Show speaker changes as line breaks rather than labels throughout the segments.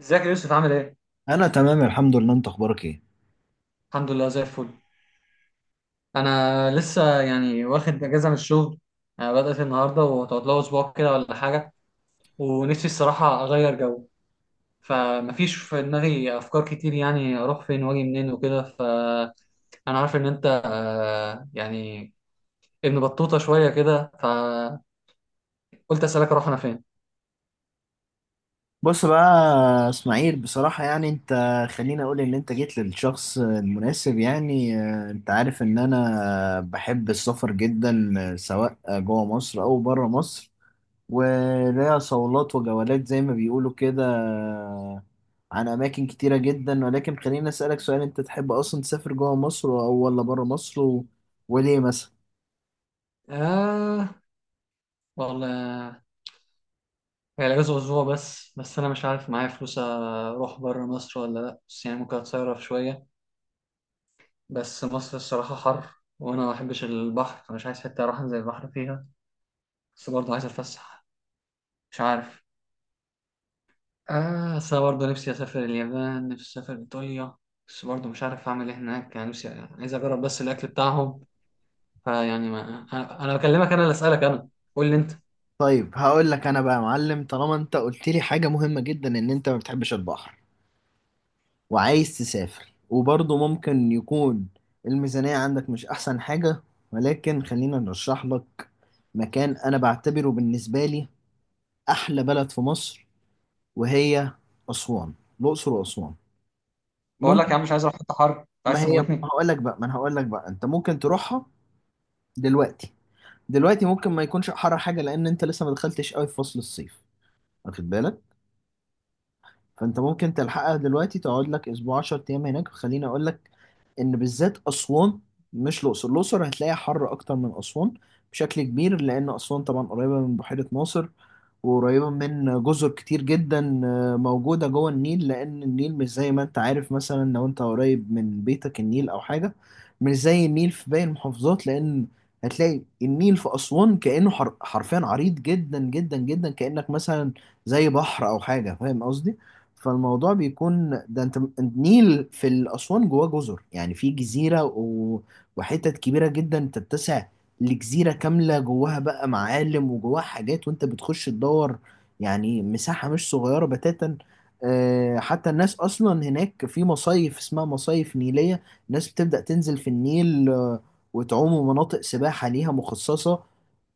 ازيك يا يوسف، عامل ايه؟
انا تمام الحمد لله. انت اخبارك ايه؟
الحمد لله، زي الفل. انا لسه يعني واخد اجازه من الشغل. بدأت النهارده وهتقعد لها اسبوع كده ولا حاجه. ونفسي الصراحه اغير جو. فمفيش في دماغي افكار كتير، يعني اروح فين واجي منين وكده، فانا عارف ان انت يعني ابن بطوطه شويه كده، فقلت اسالك، اروح انا فين؟
بص بقى يا اسماعيل، بصراحة يعني انت خليني اقول ان انت جيت للشخص المناسب. يعني انت عارف ان انا بحب السفر جدا، سواء جوه مصر او بره مصر، وليا صولات وجولات زي ما بيقولوا كده. عن اماكن كتيرة جدا. ولكن خليني اسألك سؤال: انت تحب اصلا تسافر جوه مصر او ولا بره مصر وليه مثلا؟
آه والله، هي الأجازة أسبوع بس، بس أنا مش عارف معايا فلوس أروح بره مصر ولا لأ، بس يعني ممكن أتصرف شوية. بس مصر الصراحة حر، وأنا ما بحبش البحر، فمش عايز حتة أروح أنزل البحر فيها. بس برضه عايز أتفسح. مش عارف. بس أنا برضه نفسي أسافر اليابان، نفسي أسافر إيطاليا. بس برضه مش عارف أعمل إيه هناك، يعني نفسي عايز أجرب بس الأكل بتاعهم. فيعني ما أنا بكلمك، أنا اللي أسألك أنا. قول لي أنت.
طيب هقول لك انا بقى يا معلم، طالما انت قلت لي حاجة مهمة جدا ان انت ما بتحبش البحر وعايز تسافر، وبرضه ممكن يكون الميزانية عندك مش احسن حاجة، ولكن خلينا نرشح لك مكان انا بعتبره بالنسبة لي احلى بلد في مصر، وهي اسوان. الاقصر واسوان.
بقول لك
ممكن،
يا عم، مش عايز أروح حتة حر، أنت
ما
عايز
هي
تموتني؟
هقول لك بقى، ما انا هقول لك بقى انت ممكن تروحها دلوقتي. دلوقتي ممكن ما يكونش حر حاجة، لان انت لسه ما دخلتش قوي في فصل الصيف، واخد بالك؟ فانت ممكن تلحقها دلوقتي، تقعد لك اسبوع 10 ايام هناك. خليني اقول لك ان بالذات اسوان، مش الاقصر. الاقصر هتلاقيها حر اكتر من اسوان بشكل كبير، لان اسوان طبعا قريبه من بحيره ناصر وقريبة من جزر كتير جدا، موجودة جوه النيل. لأن النيل مش زي ما أنت عارف مثلا لو أنت قريب من بيتك النيل أو حاجة، مش زي النيل في باقي المحافظات. لأن هتلاقي النيل في أسوان كأنه حرفيا عريض جدا جدا جدا، كأنك مثلا زي بحر أو حاجة. فاهم قصدي؟ فالموضوع بيكون ده، انت النيل في الأسوان جواه جزر، يعني في جزيرة و وحتت كبيرة جدا تتسع لجزيرة كاملة، جواها بقى معالم وجواها حاجات، وانت بتخش تدور. يعني مساحة مش صغيرة بتاتا. حتى الناس أصلا هناك في مصايف اسمها مصايف نيلية، الناس بتبدأ تنزل في النيل، وتعوم. مناطق سباحة ليها مخصصة،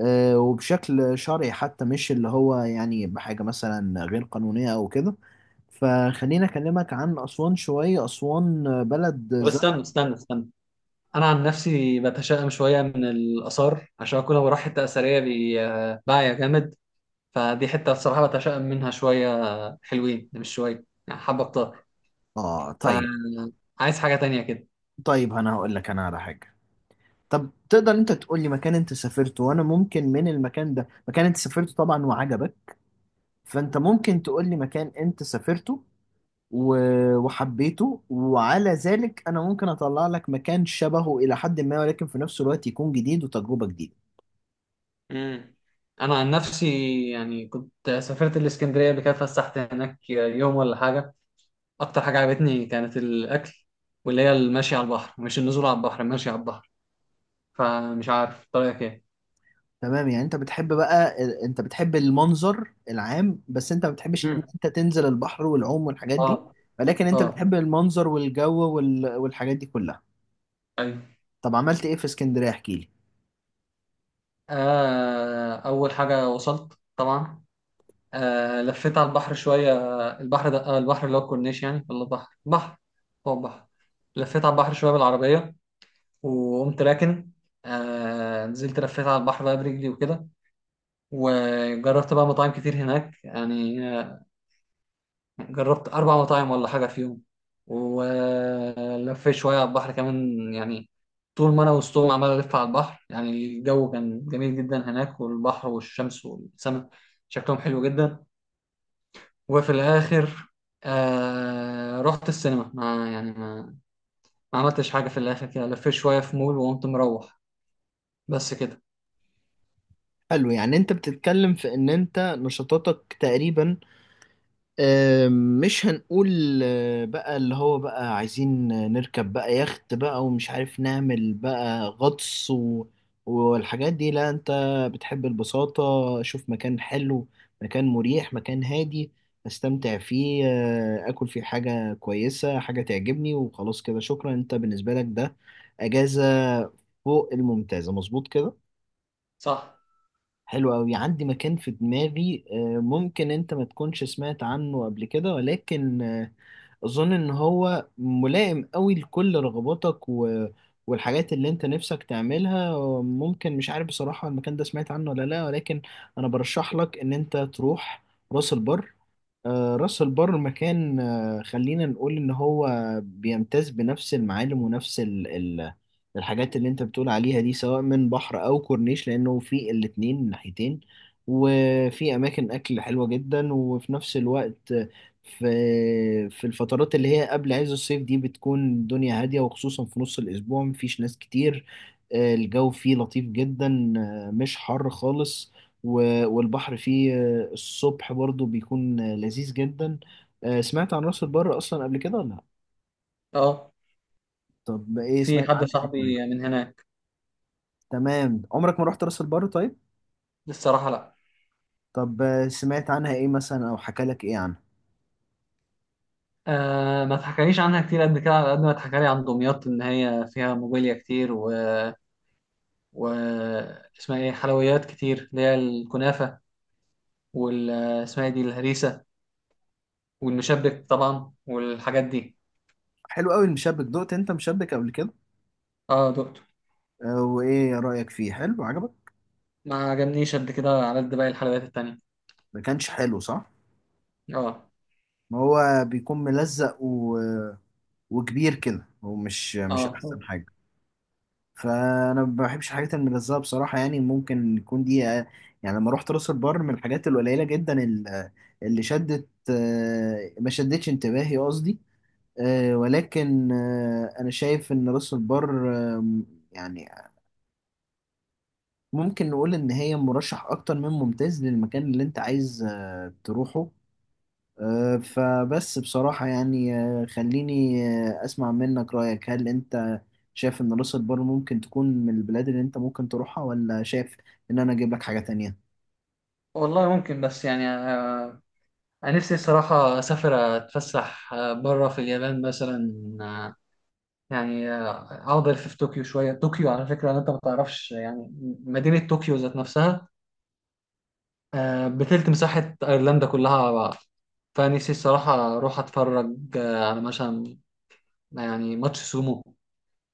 وبشكل شرعي حتى، مش اللي هو يعني بحاجة مثلا غير قانونية أو كده. فخليني اكلمك عن اسوان شويه. اسوان بلد
طب
زي،
استنى، استنى، استنى. أنا عن نفسي بتشائم شوية من الآثار، عشان أكون لو رايح حتة أثرية بعيا جامد. فدي حتة بصراحة بتشائم منها شوية. حلوين، مش شوية يعني، حبة كتار.
اه طيب.
فعايز حاجة تانية كده.
طيب انا هقول لك انا على حاجه: طب تقدر انت تقول لي مكان انت سافرته، وانا ممكن من المكان ده، مكان انت سافرته طبعا وعجبك، فانت ممكن تقول لي مكان انت سافرته و وحبيته، وعلى ذلك انا ممكن اطلع لك مكان شبهه الى حد ما، ولكن في نفس الوقت يكون جديد وتجربه جديده.
امم. أنا عن نفسي يعني كنت سافرت الإسكندرية قبل كده، فسحت هناك يوم ولا حاجة. أكتر حاجة عجبتني كانت الأكل، واللي هي المشي على البحر، مش النزول على البحر، المشي على البحر. فمش عارف طريقك إيه.
تمام. يعني انت بتحب بقى انت بتحب المنظر العام، بس انت ما بتحبش ان
امم.
انت تنزل البحر والعوم والحاجات
اه.
دي، ولكن انت
اه.
بتحب المنظر والجو وال... والحاجات دي كلها.
ايوه.
طب عملت ايه في اسكندرية؟ احكي لي.
آه، أول حاجة وصلت طبعا، لفيت على البحر شوية، البحر ده، البحر اللي هو الكورنيش يعني، ولا بحر بحر؟ هو بحر. لفيت على البحر شوية بالعربية، وقمت راكن. نزلت، لفيت على البحر بقى برجلي وكده. وجربت بقى مطاعم كتير هناك يعني، جربت أربع مطاعم ولا حاجة في يوم. ولفيت شوية على البحر كمان يعني. طول ما أنا وسطهم عمال ألف على البحر، يعني الجو كان جميل جدا هناك، والبحر والشمس والسماء شكلهم حلو جدا. وفي الاخر رحت السينما، ما يعني ما, ما عملتش حاجه، في الاخر كده لفيت شويه في مول وقمت مروح. بس كده.
حلو. يعني انت بتتكلم في ان انت نشاطاتك تقريبا، مش هنقول بقى اللي هو بقى عايزين نركب بقى يخت بقى ومش عارف نعمل بقى غطس و والحاجات دي. لا، انت بتحب البساطة. شوف مكان حلو، مكان مريح، مكان هادي، استمتع فيه، اكل فيه حاجة كويسة، حاجة تعجبني، وخلاص كده شكرا. انت بالنسبة لك ده اجازة فوق الممتازة، مظبوط كده؟
صح.
حلو أوي. عندي مكان في دماغي، ممكن أنت ما تكونش سمعت عنه قبل كده، ولكن أظن إن هو ملائم أوي لكل رغباتك و والحاجات اللي أنت نفسك تعملها. ممكن مش عارف بصراحة، المكان ده سمعت عنه ولا لأ، ولكن أنا برشح لك إن أنت تروح راس البر. راس البر مكان، خلينا نقول ان هو بيمتاز بنفس المعالم ونفس ال الحاجات اللي انت بتقول عليها دي، سواء من بحر او كورنيش، لانه في الاتنين من ناحيتين، وفي اماكن اكل حلوة جدا، وفي نفس الوقت في في الفترات اللي هي قبل عز الصيف دي بتكون الدنيا هادية، وخصوصا في نص الاسبوع مفيش ناس كتير. الجو فيه لطيف جدا، مش حر خالص، والبحر فيه الصبح برضو بيكون لذيذ جدا. سمعت عن راس البر اصلا قبل كده ولا لا؟
اه.
طب ايه
في
سمعت
حد
عنها ايه طيب؟
صاحبي من هناك.
تمام. عمرك ما رحت راس البر طيب؟
الصراحه، لا.
طب سمعت عنها ايه مثلا او حكى لك ايه عنها؟
آه، ما اتحكاليش عنها كتير قد كده، على قد ما اتحكالي عن دمياط ان هي فيها موبيليا كتير و اسمها ايه، حلويات كتير اللي هي الكنافه، وال اسمها إيه دي الهريسه، والمشبك طبعا والحاجات دي.
حلو قوي المشبك. دقت انت مشبك قبل كده؟
اه، دقته.
وايه رايك فيه؟ حلو عجبك؟
ما عجبنيش قد كده على قد باقي الحلويات التانية.
ما كانش حلو صح؟
اه.
ما هو بيكون ملزق و وكبير كده، هو مش مش
اه.
احسن حاجه. فانا ما بحبش الحاجات الملزقه بصراحه. يعني ممكن يكون دي، يعني لما رحت راس البر من الحاجات القليله جدا اللي شدت، ما شدتش انتباهي قصدي. ولكن انا شايف ان راس البر، يعني ممكن نقول ان هي مرشح اكتر من ممتاز للمكان اللي انت عايز تروحه. فبس بصراحة يعني، خليني أسمع منك رأيك. هل أنت شايف إن راس البر ممكن تكون من البلاد اللي أنت ممكن تروحها، ولا شايف إن أنا أجيب لك حاجة تانية؟
والله ممكن، بس يعني انا نفسي الصراحه اسافر اتفسح، بره في اليابان مثلا. آه، يعني اقعد الف في طوكيو شويه، طوكيو على فكره انت ما تعرفش يعني، مدينه طوكيو ذات نفسها بتلت مساحه ايرلندا كلها على بعض. فنفسي الصراحه اروح اتفرج على مثلا يعني ماتش سومو،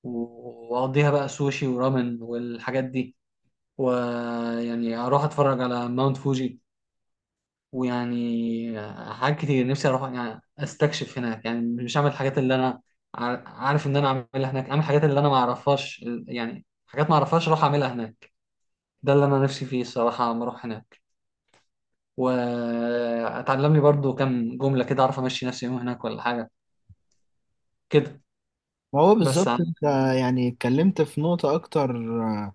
واقضيها بقى سوشي ورامن والحاجات دي. ويعني اروح اتفرج على ماونت فوجي، ويعني حاجات كتير نفسي اروح يعني استكشف هناك، يعني مش اعمل الحاجات اللي انا عارف ان انا اعملها هناك، اعمل الحاجات اللي انا ما اعرفهاش، يعني حاجات ما اعرفهاش اروح اعملها هناك. ده اللي انا نفسي فيه الصراحه لما اروح هناك، واتعلم لي برضو كام جمله كده اعرف امشي نفسي يوم هناك ولا حاجه كده.
ما هو
بس
بالظبط
يعني
أنت يعني اتكلمت في نقطة أكتر، آه،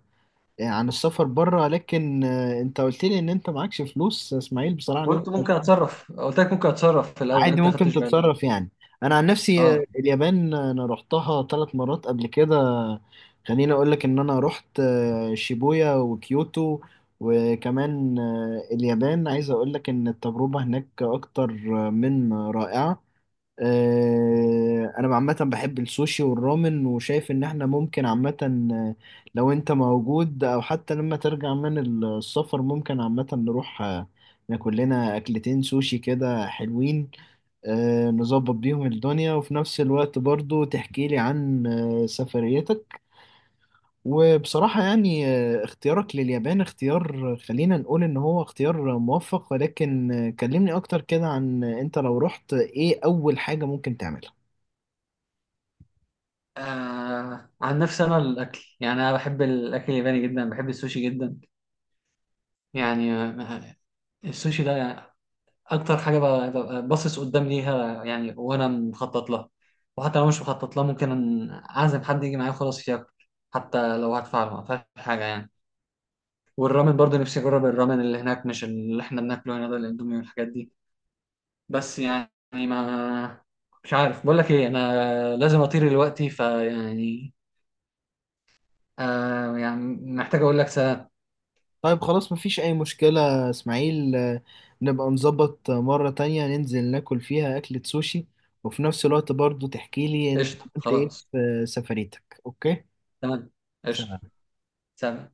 عن السفر بره. لكن أنت قلت لي إن أنت معكش فلوس يا إسماعيل بصراحة. إن أنت
قلت ممكن اتصرف، قلت لك ممكن اتصرف في الاول،
عادي
انت
ممكن
خدتش بالك؟
تتصرف يعني. انا عن نفسي،
اه.
اليابان، انا رحتها ثلاث مرات قبل كده. خليني اقول لك ان انا رحت شيبويا وكيوتو، وكمان اليابان عايز اقول لك ان التجربة هناك اكتر من رائعة. انا عامه بحب السوشي والرامن، وشايف ان احنا ممكن عامه، آه، لو انت موجود او حتى لما ترجع من السفر، ممكن عامه نروح ناكل لنا اكلتين سوشي كده حلوين، نظبط بيهم الدنيا، وفي نفس الوقت برضو تحكي لي عن سفريتك. وبصراحة يعني اختيارك لليابان اختيار، خلينا نقول ان هو اختيار موفق. ولكن كلمني اكتر كده عن انت لو رحت ايه اول حاجة ممكن تعملها؟
عن نفسي انا الاكل يعني، انا بحب الاكل الياباني جدا، بحب السوشي جدا. يعني السوشي ده اكتر حاجه ببقى باصص قدام ليها يعني، وانا مخطط لها. وحتى لو مش مخطط لها، ممكن اعزم حد يجي معايا خلاص ياكل، حتى لو هدفع له ما فيهاش حاجه يعني. والرامن برضه نفسي اجرب الرامن اللي هناك، مش اللي احنا بناكله هنا ده الاندومي والحاجات دي. بس يعني ما مش عارف بقول لك ايه، انا لازم اطير دلوقتي، فيعني يعني محتاج اقول لك سلام.
طيب خلاص مفيش أي مشكلة يا إسماعيل. نبقى نظبط مرة تانية، ننزل ناكل فيها أكلة سوشي، وفي نفس الوقت برضو تحكيلي أنت
قشطه،
عملت إيه
خلاص.
في سفريتك. أوكي؟
تمام. قشطه.
سلام.
سلام.